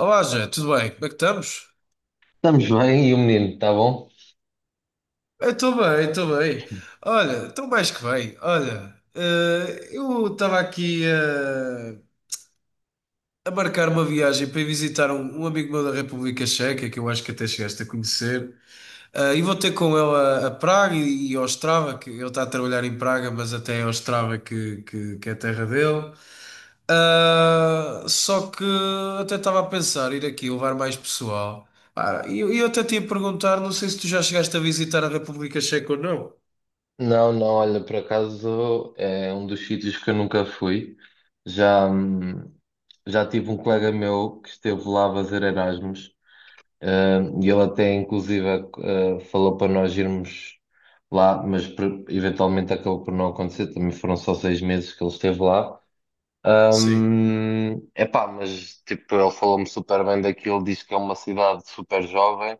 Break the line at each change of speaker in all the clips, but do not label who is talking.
Olá, Jé, tudo bem? Como é que estamos?
Estamos bem, e o menino, está bom?
Estou bem. Olha, estou mais que bem. Olha, eu estava aqui a marcar uma viagem para ir visitar um amigo meu da República Checa, que eu acho que até chegaste a conhecer. Ah, e vou ter com ele a Praga e ao Ostrava, que ele está a trabalhar em Praga, mas até é Ostrava que é a terra dele. Ah, só que até estava a pensar ir aqui levar mais pessoal. Ah, eu até te ia perguntar, não sei se tu já chegaste a visitar a República Checa ou não.
Não, não, olha, por acaso é um dos sítios que eu nunca fui. Já, já tive um colega meu que esteve lá a fazer Erasmus, e ele até inclusive falou para nós irmos lá, mas eventualmente acabou por não acontecer, também foram só 6 meses que ele esteve lá.
Sim.
É epá, mas tipo, ele falou-me super bem daquilo, diz que é uma cidade super jovem.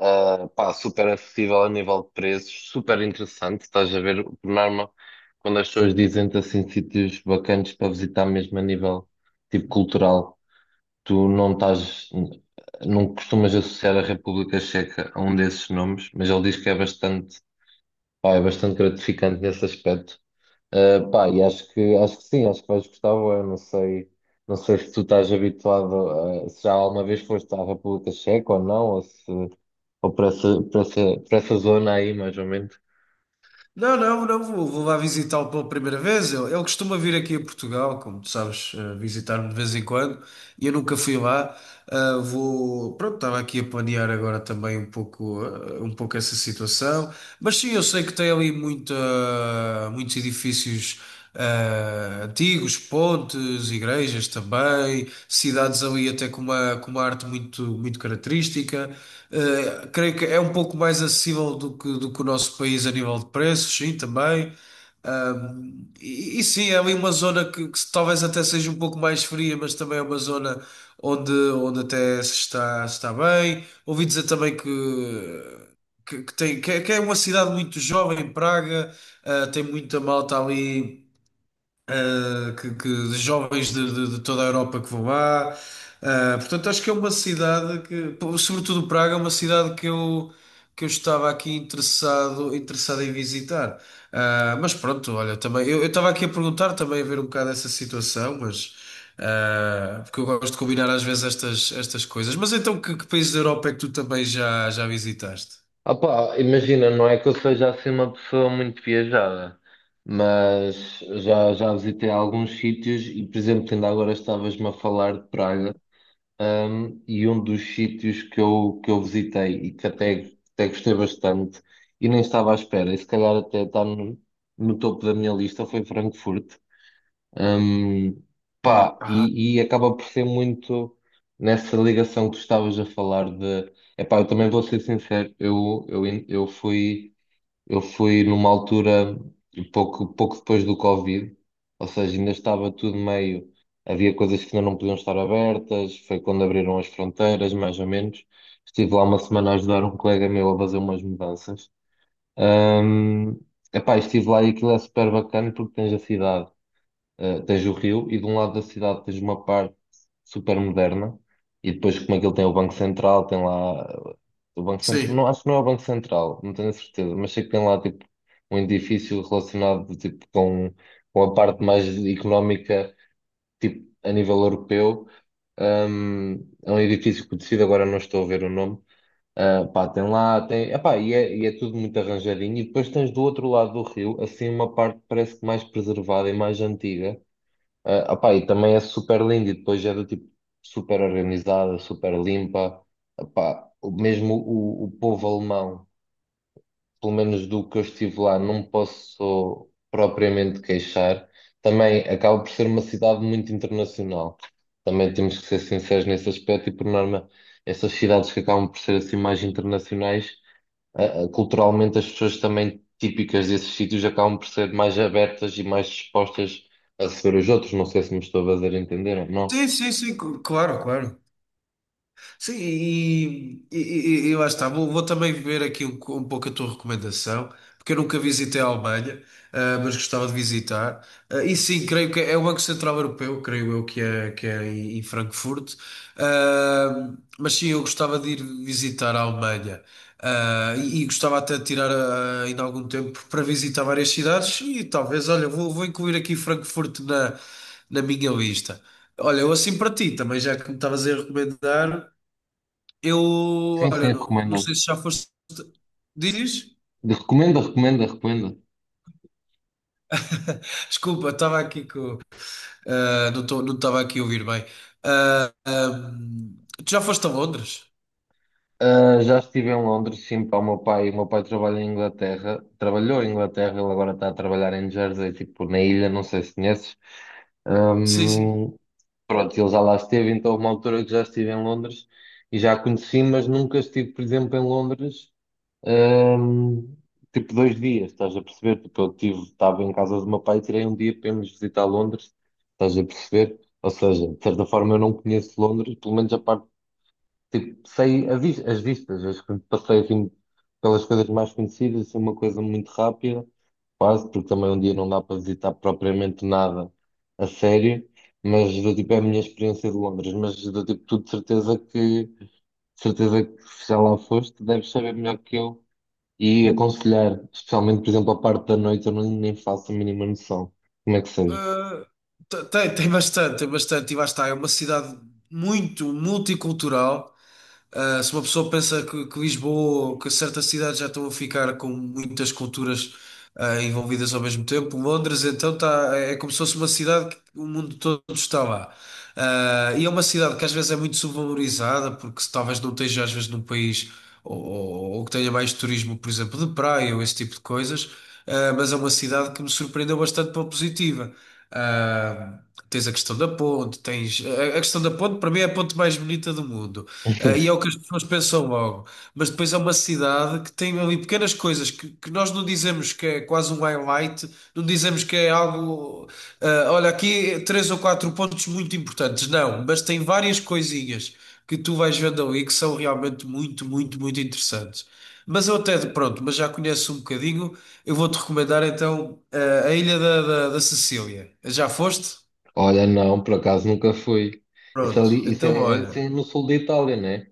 Pá, super acessível a nível de preços, super interessante. Estás a ver, por norma, quando as pessoas dizem-te assim sítios bacanas para visitar, mesmo a nível tipo cultural, tu não estás, não costumas associar a República Checa a um desses nomes, mas ele diz que é bastante, pá, é bastante gratificante nesse aspecto. Pá, e acho que sim, acho que vais gostar. Eu não sei, não sei se tu estás habituado, a, se já alguma vez foste à República Checa ou não, ou se, ou para essa zona aí, mais ou menos.
Não, não, não vou, vou lá visitá-lo pela primeira vez. Ele costuma vir aqui a Portugal, como tu sabes, visitar-me de vez em quando. E eu nunca fui lá. Ah, vou, pronto, estava aqui a planear agora também um pouco, um pouco essa situação. Mas sim, eu sei que tem ali muitos edifícios antigos, pontes, igrejas também, cidades ali até com com uma arte muito, muito característica. Creio que é um pouco mais acessível do que o nosso país a nível de preços, sim, também. E sim, é ali uma zona que talvez até seja um pouco mais fria, mas também é uma zona onde até se está bem. Ouvi dizer também que tem, que é uma cidade muito jovem, Praga, ah, tem muita malta ali de jovens de toda a Europa que vão lá. Portanto, acho que é uma cidade que, pô, sobretudo Praga, é uma cidade que eu estava aqui interessado, interessado em visitar. Mas pronto, olha, também eu estava aqui a perguntar também a ver um bocado essa situação, mas porque eu gosto de combinar às vezes estas, estas coisas. Mas então, que países da Europa é que tu também já visitaste?
Ah, pá, imagina, não é que eu seja assim uma pessoa muito viajada, mas já visitei alguns sítios e, por exemplo, ainda agora estavas-me a falar de Praga. Um, e um dos sítios que eu visitei e até gostei bastante e nem estava à espera, e se calhar até está no, no topo da minha lista, foi Frankfurt. Um, pá,
Ah,
e acaba por ser muito nessa ligação que tu estavas a falar de... Epá, eu também vou ser sincero, eu fui. Eu fui numa altura pouco depois do Covid, ou seja, ainda estava tudo meio. Havia coisas que ainda não podiam estar abertas, foi quando abriram as fronteiras, mais ou menos. Estive lá uma semana a ajudar um colega meu a fazer umas mudanças. Ahm, Epá, estive lá e aquilo é super bacana porque tens a cidade, tens o rio e de um lado da cidade tens uma parte super moderna e depois como aquilo tem o Banco Central, tem lá do Banco Central.
sim.
Não, acho que não é o Banco Central, não tenho a certeza, mas sei que tem lá tipo um edifício relacionado tipo, com a parte mais económica, tipo a nível europeu. Um, é um edifício conhecido, agora não estou a ver o nome. Ah, pá, tem lá, tem, epá, e é tudo muito arranjadinho. E depois tens do outro lado do rio, assim, uma parte que parece que mais preservada e mais antiga, ah, opá, e também é super lindo e depois é do tipo super organizada, super limpa. Opá, mesmo o povo alemão, pelo menos do que eu estive lá, não posso propriamente queixar. Também acaba por ser uma cidade muito internacional. Também temos que ser sinceros nesse aspecto e por norma essas cidades que acabam por ser assim mais internacionais, culturalmente as pessoas também típicas desses sítios acabam por ser mais abertas e mais dispostas a receber os outros. Não sei se me estou a fazer entender ou não.
Claro, claro. Sim, e lá está. Vou, vou também ver aqui um pouco a tua recomendação, porque eu nunca visitei a Alemanha, ah, mas gostava de visitar. Ah, e sim, creio que é o Banco Central Europeu, creio eu que é em Frankfurt. Ah, mas sim, eu gostava de ir visitar a Alemanha. E gostava até de tirar ainda algum tempo para visitar várias cidades e talvez, olha, vou, vou incluir aqui Frankfurt na minha lista. Olha, eu assim para ti também, já que me estavas a recomendar. Eu,
Sim, sim,
olha, não, não
recomendo.
sei se já foste. Dizes?
Recomendo, recomendo, recomendo.
Desculpa, estava aqui com. Não estava aqui a ouvir bem. Ah, ahm, Tu já foste a Londres?
Ah, já estive em Londres, sim, para o meu pai. O meu pai trabalha em Inglaterra, trabalhou em Inglaterra, ele agora está a trabalhar em Jersey, tipo na ilha, não sei se conheces.
Sim, sim.
Ahm, Pronto, ele já lá esteve, então houve uma altura que já estive em Londres e já a conheci, mas nunca estive, por exemplo, em Londres, Ahm, tipo, 2 dias, estás a perceber? Tipo, eu tive, estava em casa do meu pai e tirei um dia para irmos visitar Londres, estás a perceber? Ou seja, de certa forma eu não conheço Londres, pelo menos a parte, tipo, sei as vistas, as que passei assim pelas coisas mais conhecidas, assim, uma coisa muito rápida, quase, porque também um dia não dá para visitar propriamente nada a sério, mas do tipo, é a minha experiência de Londres, mas do tipo, tu de certeza que se já lá foste, deves saber melhor que eu e aconselhar, especialmente, por exemplo, a parte da noite, eu não nem faço a mínima noção como é que seja.
Ah, Tem, tem bastante, tem bastante. E lá está, é uma cidade muito multicultural. Se uma pessoa pensa que Lisboa ou que certas cidades já estão a ficar com muitas culturas envolvidas ao mesmo tempo, Londres então tá, é como se fosse uma cidade que o mundo todo está lá. E é uma cidade que às vezes é muito subvalorizada, porque se talvez não esteja às vezes num país ou que tenha mais turismo, por exemplo, de praia ou esse tipo de coisas, mas é uma cidade que me surpreendeu bastante pela positiva. Uh, Tens a questão da ponte, tens... A questão da ponte para mim é a ponte mais bonita do mundo. Ah, e é o que as pessoas pensam logo. Mas depois é uma cidade que tem ali pequenas coisas que nós não dizemos que é quase um highlight, não dizemos que é algo. Ah, olha, aqui três ou quatro pontos muito importantes. Não, mas tem várias coisinhas que tu vais vendo ali que são realmente muito, muito, muito interessantes. Mas eu até, pronto, mas já conheço um bocadinho, eu vou-te recomendar então ah, a Ilha da Sicília. Já foste?
Olha, não, por acaso nunca fui. Isso
Pronto,
ali,
então
isso
olha.
é no sul da Itália, né?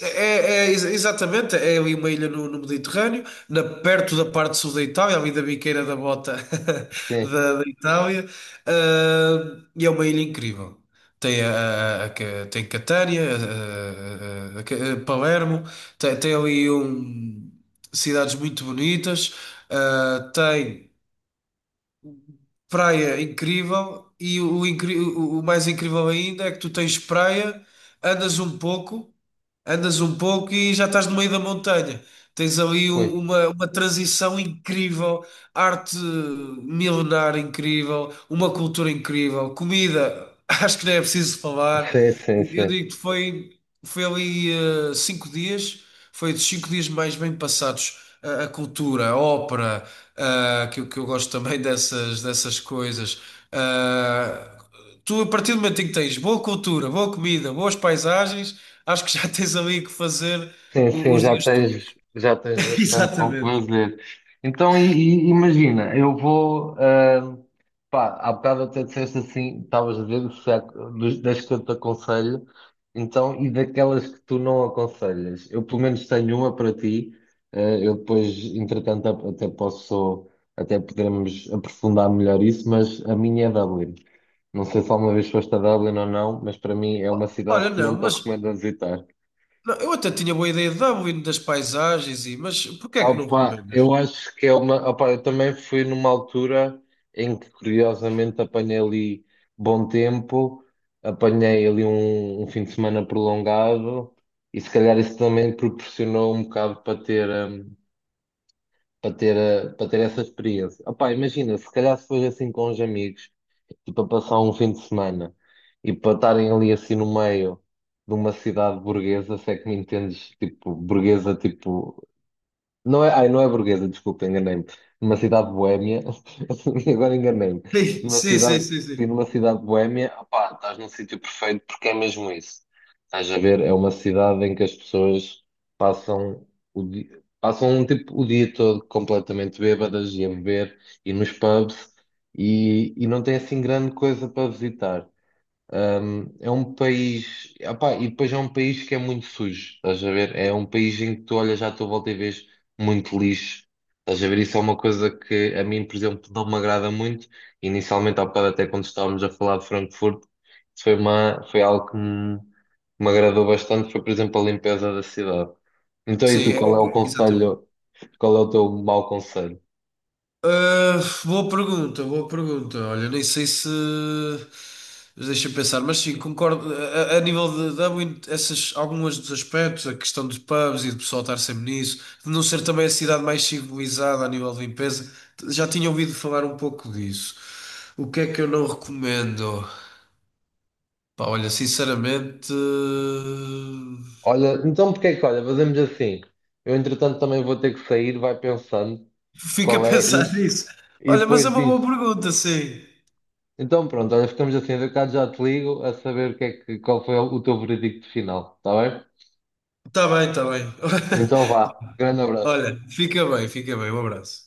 Exatamente, é ali uma ilha no Mediterrâneo, na, perto da parte sul da Itália, ali da biqueira da bota
Sim,
da Itália, ah, e é uma ilha incrível. Tem Catânia, a Palermo, tem ali um, cidades muito bonitas, ah, tem praia incrível, e o, incri- o mais incrível ainda é que tu tens praia, andas um pouco. Andas um pouco e já estás no meio da montanha. Tens ali
foi.
uma transição incrível, arte milenar incrível, uma cultura incrível, comida, acho que nem é preciso falar.
Sim, sim,
Eu
sim.
digo que foi, foi ali 5 dias, foi dos 5 dias mais bem passados. A cultura, a ópera, que eu gosto também dessas, dessas coisas. Eh, tu, a partir do momento em que tens boa cultura, boa comida, boas paisagens, acho que já tens ali que fazer
Sim, sim,
os dias todos.
já tens bastante com o que
Exatamente.
fazer. Então, e imagina, eu vou. Ah, pá, há bocado até disseste assim, estavas a ver se das que eu te aconselho, então, e daquelas que tu não aconselhas. Eu, pelo menos, tenho uma para ti. Ah, eu depois, entretanto, até posso, até poderemos aprofundar melhor isso, mas a minha é Dublin. Não sei se alguma vez foste a Dublin ou não, mas para mim é uma cidade
Olha,
que
não,
não te
mas
recomendo a visitar.
não, eu até tinha boa ideia de Dublin, das paisagens, e, mas porquê é que não
Opa,
recomendas?
eu acho que é uma. Opa, eu também fui numa altura em que, curiosamente, apanhei ali bom tempo, apanhei ali um fim de semana prolongado e, se calhar, isso também proporcionou um bocado para ter, para ter essa experiência. Opa, imagina, se calhar, se fosse assim com os amigos, tipo, a passar um fim de semana e para estarem ali assim no meio de uma cidade burguesa, se é que me entendes, tipo, burguesa, tipo. Não é, ai, não é burguesa, desculpa, enganei-me. Numa cidade boémia, agora enganei-me.
Sim,
Numa
sim, sim,
cidade,
sim,
sim,
sim.
numa cidade boémia, opá, estás num sítio perfeito porque é mesmo isso. Estás a ver, é uma cidade em que as pessoas passam o dia, passam um tipo o dia todo completamente bêbadas e a beber e nos pubs e não tem assim grande coisa para visitar. Um, é um país, opá, e depois é um país que é muito sujo, estás a ver? É um país em que tu olhas à tua volta e vês muito lixo, estás a ver? Isso é uma coisa que a mim, por exemplo, não me agrada muito. Inicialmente, há bocado, até quando estávamos a falar de Frankfurt, isso foi algo me agradou bastante, foi, por exemplo, a limpeza da cidade. Então, e tu, qual é o
É, exatamente.
conselho, qual é o teu mau conselho?
Ah, boa pergunta, boa pergunta. Olha, nem sei se. Mas deixa-me pensar, mas sim, concordo. A nível de algum- essas, alguns dos aspectos, a questão dos pubs e do pessoal estar sempre nisso, de não ser também a cidade mais civilizada a nível de limpeza, já tinha ouvido falar um pouco disso. O que é que eu não recomendo? Pá, olha, sinceramente,
Olha, então olha, fazemos assim, eu entretanto também vou ter que sair, vai pensando
fica a
qual é.
pensar nisso.
E
Olha, mas é
depois
uma boa
diz,
pergunta, sim.
então pronto, olha, ficamos assim, eu cá já te ligo a saber o que é que, qual foi o teu veredicto final, está bem?
Tá bem, tá bem.
Então vá, grande abraço.
Olha, fica bem, fica bem. Um abraço.